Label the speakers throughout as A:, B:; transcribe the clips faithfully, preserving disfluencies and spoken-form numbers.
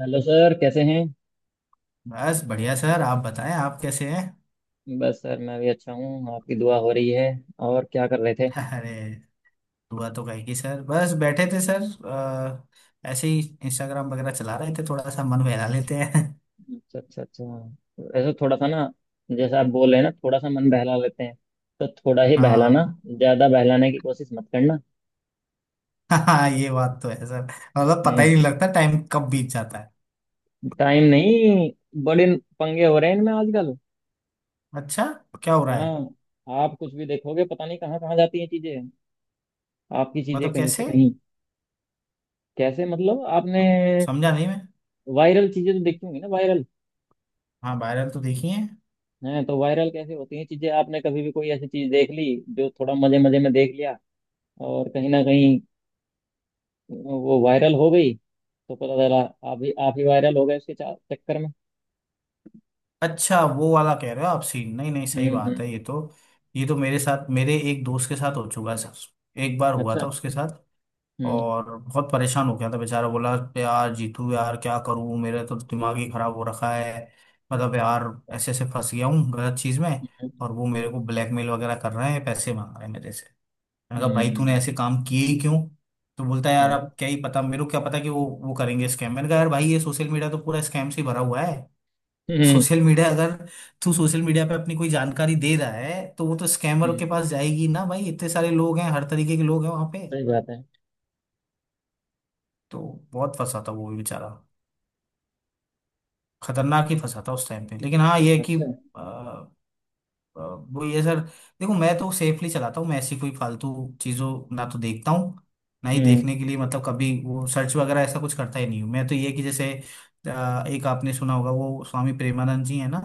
A: Hello sir, कैसे हैं।
B: बस बढ़िया सर। आप बताएं, आप कैसे हैं?
A: बस सर, मैं भी अच्छा हूँ, आपकी दुआ हो रही है। और क्या कर रहे थे।
B: अरे, दुआ तो कहेगी सर। बस बैठे थे सर अ, ऐसे ही इंस्टाग्राम वगैरह चला रहे थे, थोड़ा सा मन बहला लेते हैं।
A: अच्छा अच्छा अच्छा। ऐसा थोड़ा सा ना, जैसा आप बोल रहे हैं ना, थोड़ा सा मन बहला लेते हैं, तो थोड़ा ही बहलाना,
B: हाँ।
A: ज़्यादा बहलाने की कोशिश मत करना।
B: हाँ, ये बात तो है सर। मतलब पता ही
A: हम्म।
B: नहीं लगता टाइम कब बीत जाता है।
A: टाइम नहीं, बड़े पंगे हो रहे हैं इनमें आजकल।
B: अच्छा, क्या हो रहा है?
A: हाँ, आप कुछ भी देखोगे, पता नहीं कहाँ कहाँ जाती हैं चीज़ें, आपकी चीज़ें
B: मतलब
A: कहीं से
B: कैसे?
A: कहीं। कैसे मतलब आपने,
B: समझा नहीं मैं।
A: वायरल चीज़ें तो देखी होंगी ना, वायरल
B: हाँ, वायरल तो देखी है।
A: हैं तो, वायरल कैसे होती हैं चीजें। आपने कभी भी कोई ऐसी चीज देख ली जो थोड़ा मजे मजे में देख लिया, और कहीं ना कहीं वो वायरल हो गई, तो पता चला आप ही आप ही वायरल हो गए उसके चा- चक्कर में।
B: अच्छा, वो वाला कह रहे हो आप सीन। नहीं नहीं,
A: हम्म
B: सही बात है
A: हम्म।
B: ये तो। ये तो मेरे साथ, मेरे एक दोस्त के साथ हो चुका है सर। एक बार हुआ
A: अच्छा।
B: था उसके साथ
A: हम्म
B: और बहुत परेशान हो गया था बेचारा। बोला, यार जीतू, यार क्या करूं, मेरा तो दिमाग ही खराब हो रखा है। मतलब यार, ऐसे ऐसे फंस गया हूँ गलत चीज में।
A: हम्म।
B: और वो मेरे को ब्लैकमेल वगैरह कर रहे हैं, पैसे मांग रहे हैं मेरे से। मैंने कहा, भाई तूने
A: हम्म,
B: ऐसे काम किए ही क्यों? तो बोलता है, यार
A: हाँ।
B: अब क्या ही पता, मेरे को क्या पता कि वो वो करेंगे स्कैम। मैंने कहा, यार भाई ये सोशल मीडिया तो पूरा स्कैम से ही भरा हुआ है।
A: हम्म
B: सोशल मीडिया अगर तू सोशल मीडिया पे अपनी कोई जानकारी दे रहा है, तो वो तो स्कैमर के
A: हम्म।
B: पास जाएगी ना भाई। इतने सारे लोग हैं, हर तरीके के लोग हैं वहां पे।
A: सही बात है।
B: तो बहुत फंसा था वो भी बेचारा, खतरनाक ही फंसा था उस टाइम पे। लेकिन हाँ ये है कि
A: अच्छा।
B: अ, अ, वो ये सर, देखो मैं तो सेफली चलाता हूँ। मैं ऐसी कोई फालतू चीज़ों ना तो देखता हूँ ना ही
A: हम्म।
B: देखने के लिए मतलब कभी वो सर्च वगैरह ऐसा कुछ करता ही नहीं हूँ। मैं तो ये है कि जैसे अ, एक आपने सुना होगा वो स्वामी प्रेमानंद जी है ना,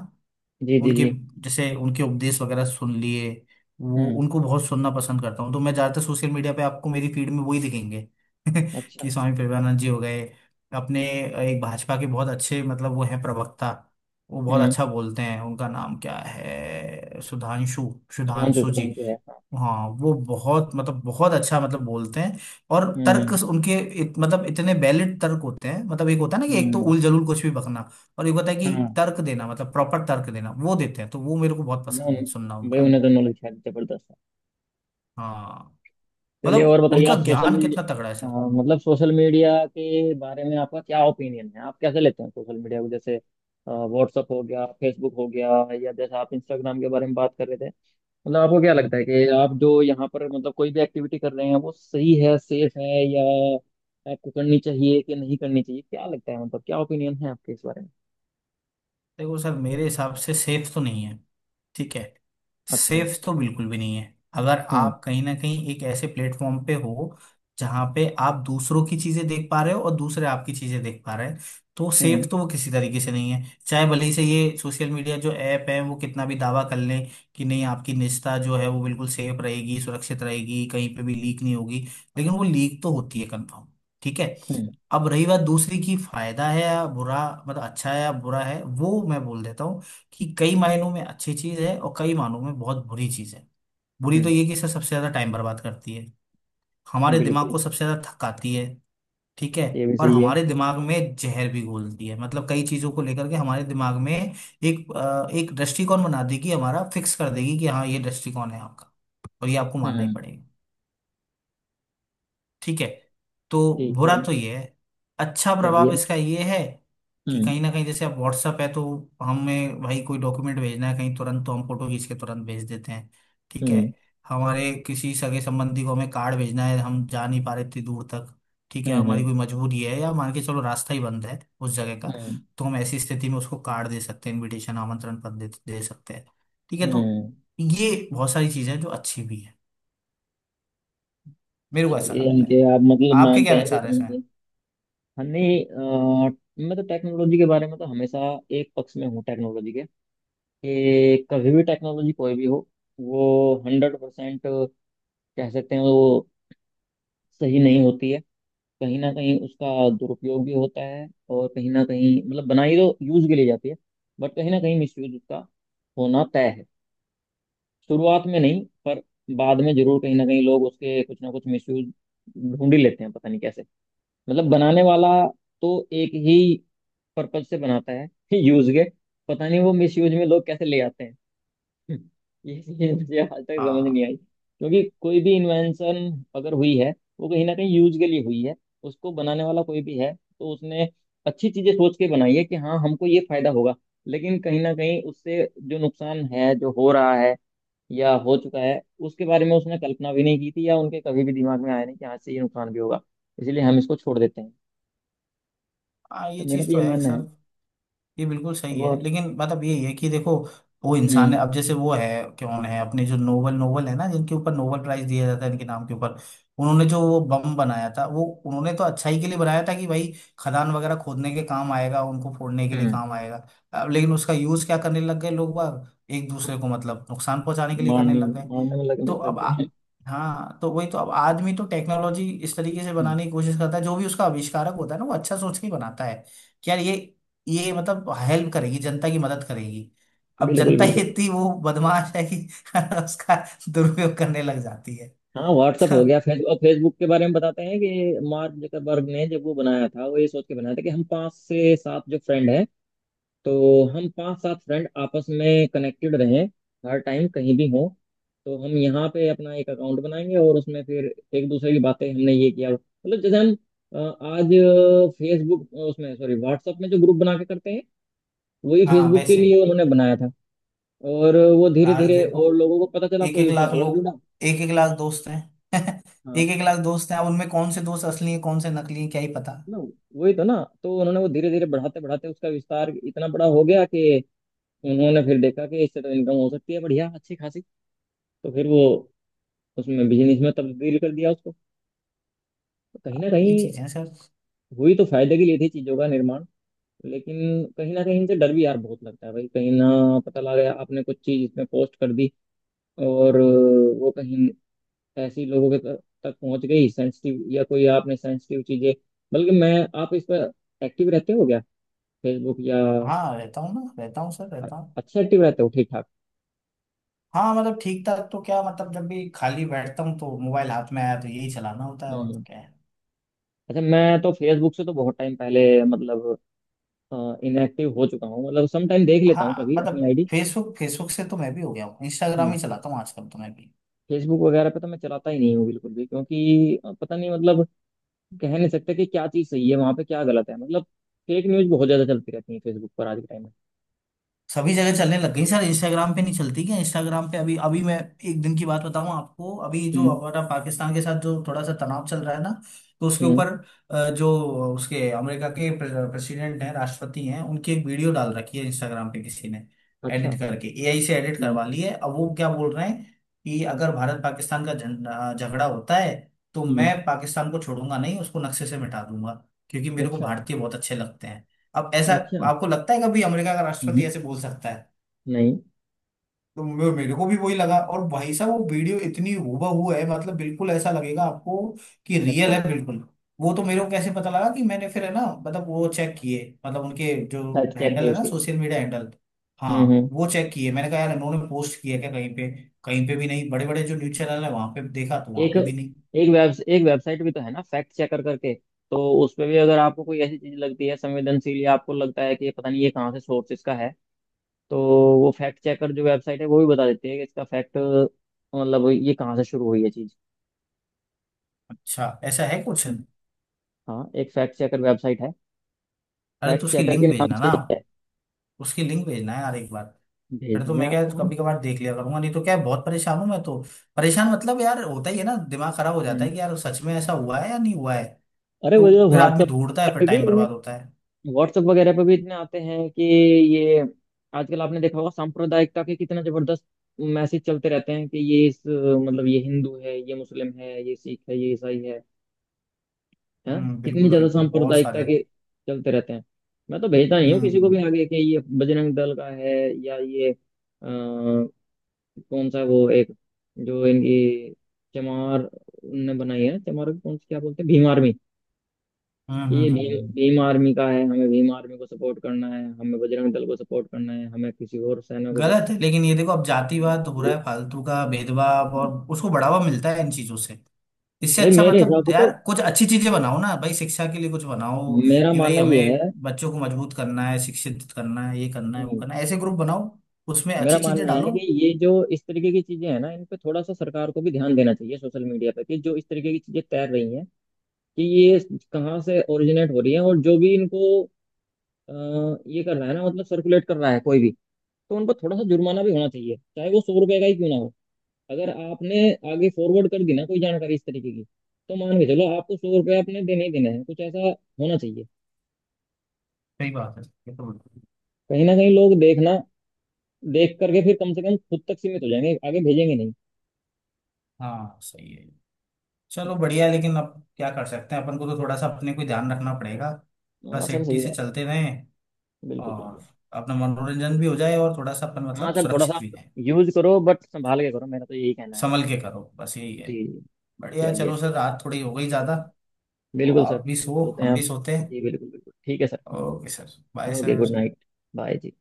A: जी जी
B: उनके,
A: जी।
B: जैसे उनके उपदेश वगैरह सुन लिए। वो,
A: हम्म।
B: उनको बहुत सुनना पसंद करता हूँ, तो मैं ज्यादातर सोशल मीडिया पे आपको मेरी फीड में वही दिखेंगे।
A: अच्छा।
B: कि स्वामी प्रभुपाद जी हो गए, अपने एक भाजपा के बहुत अच्छे, मतलब वो हैं प्रवक्ता, वो बहुत
A: हम्म।
B: अच्छा बोलते हैं। उनका नाम क्या है, सुधांशु,
A: सुधांशु,
B: सुधांशु जी।
A: सुधांशु है हाँ।
B: हाँ वो बहुत, मतलब बहुत अच्छा मतलब बोलते हैं। और तर्क
A: हम्म
B: उनके इत, मतलब इतने वैलिड तर्क होते हैं। मतलब एक होता है ना कि एक तो
A: हम्म।
B: उल जलूल कुछ भी बकना, और एक होता है
A: हाँ
B: कि तर्क देना, मतलब प्रॉपर तर्क देना। वो देते हैं, तो वो मेरे को बहुत
A: ना,
B: पसंद है सुनना
A: भाई
B: उनका।
A: उन्हें तो नॉलेज है जबरदस्त।
B: हाँ,
A: चलिए
B: मतलब
A: और बताइए
B: उनका
A: आप सोशल
B: ज्ञान
A: मीडिया,
B: कितना तगड़ा है सर।
A: हाँ, मतलब सोशल मीडिया के बारे में आपका क्या ओपिनियन है। आप कैसे लेते हैं सोशल मीडिया को, जैसे व्हाट्सअप हो गया, फेसबुक हो गया, या जैसे आप इंस्टाग्राम के बारे में बात कर रहे थे। मतलब आपको क्या लगता है
B: हम्म।
A: कि आप जो यहाँ पर मतलब कोई भी एक्टिविटी कर रहे हैं, वो सही है, सेफ है, या आपको करनी चाहिए कि नहीं करनी चाहिए। क्या लगता है, मतलब क्या ओपिनियन है आपके इस बारे में।
B: देखो सर, मेरे हिसाब से सेफ तो नहीं है। ठीक है,
A: अच्छा।
B: सेफ तो बिल्कुल भी नहीं है। अगर
A: हम्म
B: आप कहीं ना कहीं एक ऐसे प्लेटफॉर्म पे हो जहां पे आप दूसरों की चीजें देख पा रहे हो और दूसरे आपकी चीजें देख पा रहे हैं, तो सेफ
A: हम्म।
B: तो वो किसी तरीके से नहीं है। चाहे भले ही से ये सोशल मीडिया जो ऐप है वो कितना भी दावा कर लें कि नहीं, आपकी निजता जो है वो बिल्कुल सेफ रहेगी, सुरक्षित रहेगी, कहीं पे भी लीक नहीं होगी, लेकिन वो लीक तो होती है कंफर्म। ठीक है।
A: हम्म
B: अब रही बात दूसरी की, फायदा है या बुरा, मतलब अच्छा है या बुरा है, वो मैं बोल देता हूँ कि कई मायनों में अच्छी चीज है और कई मायनों में बहुत बुरी चीज है। बुरी तो
A: हम्म।
B: ये कि सर सबसे ज्यादा टाइम बर्बाद करती है, हमारे दिमाग
A: बिल्कुल।
B: को सबसे ज्यादा थकाती है। ठीक है।
A: ये भी
B: और
A: सही है।
B: हमारे दिमाग में जहर भी घोलती है। मतलब कई चीजों को लेकर के हमारे दिमाग में एक अ, एक दृष्टिकोण बना देगी, हमारा फिक्स कर देगी कि हाँ ये दृष्टिकोण है आपका, और ये आपको मानना ही
A: हम्म।
B: पड़ेगा। ठीक है, तो
A: ठीक है।
B: बुरा तो ये है। अच्छा प्रभाव
A: चलिए।
B: इसका ये है कि
A: हम्म
B: कहीं ना कहीं जैसे अब व्हाट्सअप है, तो हमें भाई कोई डॉक्यूमेंट भेजना है कहीं तुरंत, तो हम फोटो खींच के तुरंत भेज देते हैं। ठीक है।
A: हम्म
B: हमारे किसी सगे संबंधी को हमें कार्ड भेजना है, हम जा नहीं पा रहे इतनी दूर तक। ठीक है,
A: हम्म हम्म
B: हमारी कोई मजबूरी है, या मान के चलो रास्ता ही बंद है उस जगह का,
A: हम्म
B: तो हम ऐसी स्थिति में उसको कार्ड दे सकते हैं, इनविटेशन आमंत्रण पत्र दे, दे सकते हैं। ठीक है। तो
A: हम्म।
B: ये बहुत सारी चीजें हैं जो अच्छी भी है, मेरे को ऐसा
A: चलिए, यानी
B: लगता
A: कि
B: है।
A: आप मतलब
B: आपके
A: मानते
B: क्या
A: हैं कि
B: विचार है?
A: कहीं ना कहीं हमें अ, मैं तो टेक्नोलॉजी के बारे में तो हमेशा एक पक्ष में हूँ टेक्नोलॉजी के, कि कभी भी टेक्नोलॉजी कोई भी हो, वो हंड्रेड परसेंट कह सकते हैं वो सही नहीं होती है। कहीं ना कहीं उसका दुरुपयोग भी होता है, और कहीं ना कहीं मतलब बनाई तो यूज के लिए जाती है, बट कहीं ना कहीं मिसयूज उसका होना तय है। शुरुआत में नहीं पर बाद में जरूर कहीं ना कहीं लोग उसके कुछ ना कुछ मिसयूज ढूंढ ही लेते हैं, पता नहीं कैसे। मतलब बनाने वाला तो एक ही पर्पज से बनाता है यूज के, पता नहीं वो मिस यूज में लोग कैसे ले आते हैं। ये चीज मुझे आज तक समझ
B: हाँ,
A: नहीं आई, क्योंकि कोई भी इन्वेंशन अगर हुई है, वो कहीं ना कहीं यूज के लिए हुई है। उसको बनाने वाला कोई भी है तो उसने अच्छी चीजें सोच के बनाई है कि हाँ हमको ये फायदा होगा, लेकिन कहीं ना कहीं उससे जो नुकसान है जो हो रहा है या हो चुका है उसके बारे में उसने कल्पना भी नहीं की थी, या उनके कभी भी दिमाग में आया नहीं कि हाँ इससे ये नुकसान भी होगा, इसलिए हम इसको छोड़ देते हैं।
B: हाँ
A: तो
B: ये
A: मेरा
B: चीज़
A: भी
B: तो
A: ये
B: है
A: मानना है।
B: सर। ये बिल्कुल सही है,
A: बहुत।
B: लेकिन बात अब यही है कि देखो वो इंसान
A: हम्म
B: है। अब जैसे वो है, कौन है अपने जो नोबल नोबल है ना, जिनके ऊपर नोबल प्राइज दिया जाता है, इनके नाम के ऊपर उन्होंने जो वो बम बनाया था, वो उन्होंने तो अच्छाई के लिए बनाया था कि भाई खदान वगैरह खोदने के काम आएगा, उनको फोड़ने के लिए
A: हम्म।
B: काम आएगा। अब लेकिन उसका यूज क्या करने लग गए लोग बाग, एक दूसरे को मतलब नुकसान पहुंचाने के लिए करने
A: मारने,
B: लग गए।
A: मारने में लग
B: तो
A: लग, लग
B: अब आ,
A: गए हैं।
B: हाँ, तो वही तो। अब आदमी तो टेक्नोलॉजी इस तरीके से
A: हम्म,
B: बनाने की कोशिश करता है, जो भी उसका आविष्कारक होता है ना, वो अच्छा सोच के ही बनाता है कि यार ये ये मतलब हेल्प करेगी, जनता की मदद करेगी। अब
A: बिल्कुल
B: जनता ही
A: बिल्कुल।
B: इतनी वो बदमाश है कि उसका दुरुपयोग करने लग जाती है।
A: हाँ व्हाट्सअप
B: तो
A: हो गया, फेसबुक। और फेसबुक के बारे में बताते हैं कि मार्क जकरबर्ग ने जब वो बनाया था, वो ये सोच के बनाया था कि हम पांच से सात जो फ्रेंड हैं, तो हम पांच सात फ्रेंड आपस में कनेक्टेड रहें हर टाइम, कहीं भी हों, तो हम यहाँ पे अपना एक अकाउंट बनाएंगे और उसमें फिर एक दूसरे की बातें। हमने ये किया मतलब जैसे हम अ, आज फेसबुक उसमें, सॉरी व्हाट्सएप में जो ग्रुप बना के करते हैं, वही
B: हाँ
A: फेसबुक के
B: वैसे,
A: लिए उन्होंने बनाया था। और वो धीरे
B: आज
A: धीरे
B: देखो
A: और लोगों को पता चला,
B: एक
A: कोई
B: एक
A: उसमें
B: लाख
A: और
B: लोग,
A: जुड़ा।
B: एक एक लाख दोस्त हैं। एक
A: हाँ
B: एक लाख दोस्त हैं, अब उनमें कौन से दोस्त असली हैं कौन से नकली हैं क्या ही पता।
A: ना, वही तो ना। तो उन्होंने वो धीरे धीरे बढ़ाते बढ़ाते उसका विस्तार इतना बड़ा हो गया, कि उन्होंने फिर देखा कि इससे तो इनकम हो सकती है बढ़िया अच्छी खासी, तो फिर वो उसमें, बिजनेस में तब्दील कर दिया उसको। तो कहीं ना कहीं
B: यही चीजें हैं सर।
A: हुई तो फायदे के लिए थी, चीजों का निर्माण, लेकिन कहीं ना कहीं इनसे डर भी यार बहुत लगता है भाई, कहीं ना पता लगा आपने कुछ चीज इसमें पोस्ट कर दी, और वो कहीं ऐसी लोगों के तक, तक पहुंच गई, सेंसिटिव, या कोई आपने सेंसिटिव चीजें। बल्कि मैं, आप इस पर एक्टिव रहते हो क्या, फेसबुक या।
B: हाँ रहता हूँ ना, रहता हूँ सर, रहता हूँ।
A: अच्छा एक्टिव रहते हो ठीक ठाक।
B: हाँ मतलब ठीक ठाक, तो क्या मतलब, जब भी खाली बैठता हूँ तो मोबाइल हाथ में आया तो यही चलाना होता है, और
A: हम्म
B: तो
A: हम्म।
B: क्या है।
A: अच्छा, मैं तो फेसबुक से तो बहुत टाइम पहले मतलब इनएक्टिव हो चुका हूँ, मतलब सम टाइम देख लेता हूँ
B: हाँ
A: कभी
B: मतलब,
A: अपनी आईडी।
B: फेसबुक, फेसबुक से तो मैं भी हो गया हूँ, इंस्टाग्राम
A: हम्म।
B: ही चलाता हूँ आजकल तो मैं भी।
A: फेसबुक वगैरह पे तो मैं चलाता ही नहीं हूँ बिल्कुल भी, क्योंकि अ, पता नहीं मतलब, कह नहीं सकते कि क्या चीज़ सही है वहाँ पे, क्या गलत है। मतलब फेक न्यूज़ बहुत ज़्यादा चलती रहती है फेसबुक पर आज के टाइम में।
B: सभी जगह चलने लग गई सर। इंस्टाग्राम पे नहीं चलती क्या? इंस्टाग्राम पे अभी अभी मैं एक दिन की बात बताऊं आपको। अभी जो
A: हम्म
B: हमारा पाकिस्तान के साथ जो थोड़ा सा तनाव चल रहा है ना, तो उसके
A: हम्म।
B: ऊपर अ, जो उसके अमेरिका के प्रेसिडेंट हैं, राष्ट्रपति हैं, उनकी एक वीडियो डाल रखी है इंस्टाग्राम पे किसी ने,
A: अच्छा।
B: एडिट करके ए आई से एडिट
A: हम्म
B: करवा ली है। अब वो क्या बोल रहे हैं कि अगर भारत पाकिस्तान का झं- अ, झगड़ा होता है तो
A: हम्म।
B: मैं पाकिस्तान को छोड़ूंगा नहीं, उसको नक्शे से मिटा दूंगा, क्योंकि मेरे को
A: अच्छा।
B: भारतीय बहुत अच्छे लगते हैं। अब ऐसा
A: अच्छा।
B: आपको लगता है कभी अमेरिका का राष्ट्रपति
A: हम्म।
B: ऐसे बोल सकता है?
A: नहीं।
B: तो मे- मेरे को भी वही लगा। और भाई साहब वो वीडियो इतनी हूबहू है, मतलब बिल्कुल ऐसा लगेगा आपको कि रियल
A: अच्छा।
B: है बिल्कुल। वो तो मेरे को कैसे पता लगा कि मैंने फिर है ना, मतलब वो चेक किए, मतलब उनके जो
A: फैक्ट चेक
B: हैंडल
A: है
B: है ना,
A: उसके।
B: Social media handle.
A: हम्म हम्म।
B: हाँ, वो चेक किए। मैंने कहा यार इन्होंने पोस्ट किया क्या कहीं पे, कहीं पे भी नहीं। बड़े बड़े जो न्यूज चैनल है वहां पे देखा तो वहां
A: एक
B: पे भी नहीं।
A: एक वेब, एक वेबसाइट भी तो है ना, फैक्ट चेकर करके। तो उस पे भी अगर आपको कोई ऐसी चीज लगती है संवेदनशील, या आपको लगता है कि ये पता नहीं ये कहाँ से सोर्स इसका है, तो वो फैक्ट चेकर जो वेबसाइट है वो भी बता देती है कि इसका फैक्ट, मतलब ये कहाँ से शुरू हुई है चीज।
B: अच्छा, ऐसा है कुछ, अरे
A: हम्म। हाँ एक फैक्ट चेकर वेबसाइट है,
B: तो
A: फैक्ट
B: उसकी
A: चेकर के
B: लिंक
A: नाम
B: भेजना ना
A: से ही
B: आप।
A: है।
B: उसकी लिंक भेजना है यार एक बार।
A: भेज
B: फिर तो
A: देंगे
B: मैं क्या
A: आपको हम।
B: कभी कभार देख लिया करूंगा, नहीं तो क्या है, बहुत परेशान हूँ मैं तो। परेशान मतलब यार होता ही है ना, दिमाग खराब हो जाता है
A: हम्म।
B: कि यार सच में ऐसा हुआ है या नहीं हुआ है।
A: अरे
B: तो
A: वो जो
B: फिर आदमी
A: व्हाट्सअप,
B: ढूंढता है, फिर टाइम बर्बाद होता है।
A: व्हाट्सएप वगैरह पे भी इतने आते हैं कि ये, आजकल आपने देखा होगा सांप्रदायिकता के कितना जबरदस्त मैसेज चलते रहते हैं कि ये, इस मतलब ये हिंदू है, ये मुस्लिम है, ये सिख है, ये ईसाई है, हैं
B: हम्म,
A: कितनी
B: बिल्कुल
A: ज्यादा
B: बिल्कुल, बहुत
A: सांप्रदायिकता
B: सारे।
A: के चलते रहते हैं। मैं तो भेजता नहीं हूँ
B: हम्म,
A: किसी को
B: हम्म।
A: भी आगे कि ये बजरंग दल का है, या ये अ, कौन सा वो एक जो इनकी चमार ने बनाई है, चमार को कौन सी, क्या बोलते हैं भीम आर्मी,
B: हम्म।
A: ये
B: हम्म, हम्म।
A: भीम
B: हम्म।
A: भीम आर्मी का है, हमें भीम आर्मी को सपोर्ट करना है, हमें बजरंग दल को सपोर्ट करना है, हमें किसी और सेना को
B: गलत
A: बस
B: है। लेकिन ये देखो अब जातिवाद हो रहा
A: ये-
B: है फालतू का, भेदभाव, और उसको बढ़ावा मिलता है इन चीजों से। इससे
A: भाई
B: अच्छा
A: मेरे हिसाब
B: मतलब
A: से तो,
B: यार कुछ अच्छी चीजें बनाओ ना भाई। शिक्षा के लिए कुछ बनाओ
A: मेरा
B: कि भाई
A: मानना ये
B: हमें
A: है,
B: बच्चों को मजबूत करना है, शिक्षित करना है, ये करना है, वो
A: नहीं,
B: करना है, ऐसे ग्रुप बनाओ, उसमें
A: मेरा
B: अच्छी चीजें
A: मानना है
B: डालो।
A: कि ये जो इस तरीके की चीजें हैं ना, इन पे थोड़ा सा सरकार को भी ध्यान देना चाहिए सोशल मीडिया पे, कि जो इस तरीके की चीजें तैर रही हैं कि ये कहाँ से ओरिजिनेट हो रही है, और जो भी इनको अ, ये कर रहा है ना मतलब सर्कुलेट कर रहा है कोई भी, तो उन पर थोड़ा सा जुर्माना भी होना चाहिए, चाहे वो सौ रुपए का ही क्यों ना हो। अगर आपने आगे फॉरवर्ड कर दी ना कोई जानकारी इस तरीके की, तो मान के चलो आपको सौ रुपये आपने देने ही देने हैं, कुछ ऐसा होना चाहिए।
B: सही बात है, ये तो बिल्कुल।
A: कहीं ना कहीं लोग देखना, देख करके फिर कम से कम खुद तक सीमित हो जाएंगे, आगे भेजेंगे नहीं।
B: हाँ सही है। चलो
A: है
B: बढ़िया है, लेकिन अब क्या कर सकते हैं, अपन को तो थोड़ा सा अपने को ध्यान रखना पड़ेगा,
A: ना,
B: थोड़ा
A: हाँ सर
B: सेफ्टी
A: सही
B: से
A: बात है,
B: चलते रहें,
A: बिल्कुल
B: और
A: बिल्कुल।
B: अपना मनोरंजन भी हो जाए और थोड़ा सा अपन
A: हाँ
B: मतलब
A: सर थोड़ा
B: सुरक्षित
A: सा,
B: भी रहें।
A: यूज करो बट संभाल के करो, मेरा तो यही कहना है।
B: संभल के करो, बस यही है।
A: जी।
B: बढ़िया है, चलो
A: चलिए।
B: सर रात थोड़ी हो गई ज़्यादा, तो
A: बिल्कुल सर,
B: आप भी सो,
A: होते हैं
B: हम भी
A: आप।
B: सोते हैं।
A: जी बिल्कुल बिल्कुल, ठीक है sir.
B: Okay sir, bye
A: okay good
B: sir.
A: Night. Bye जी।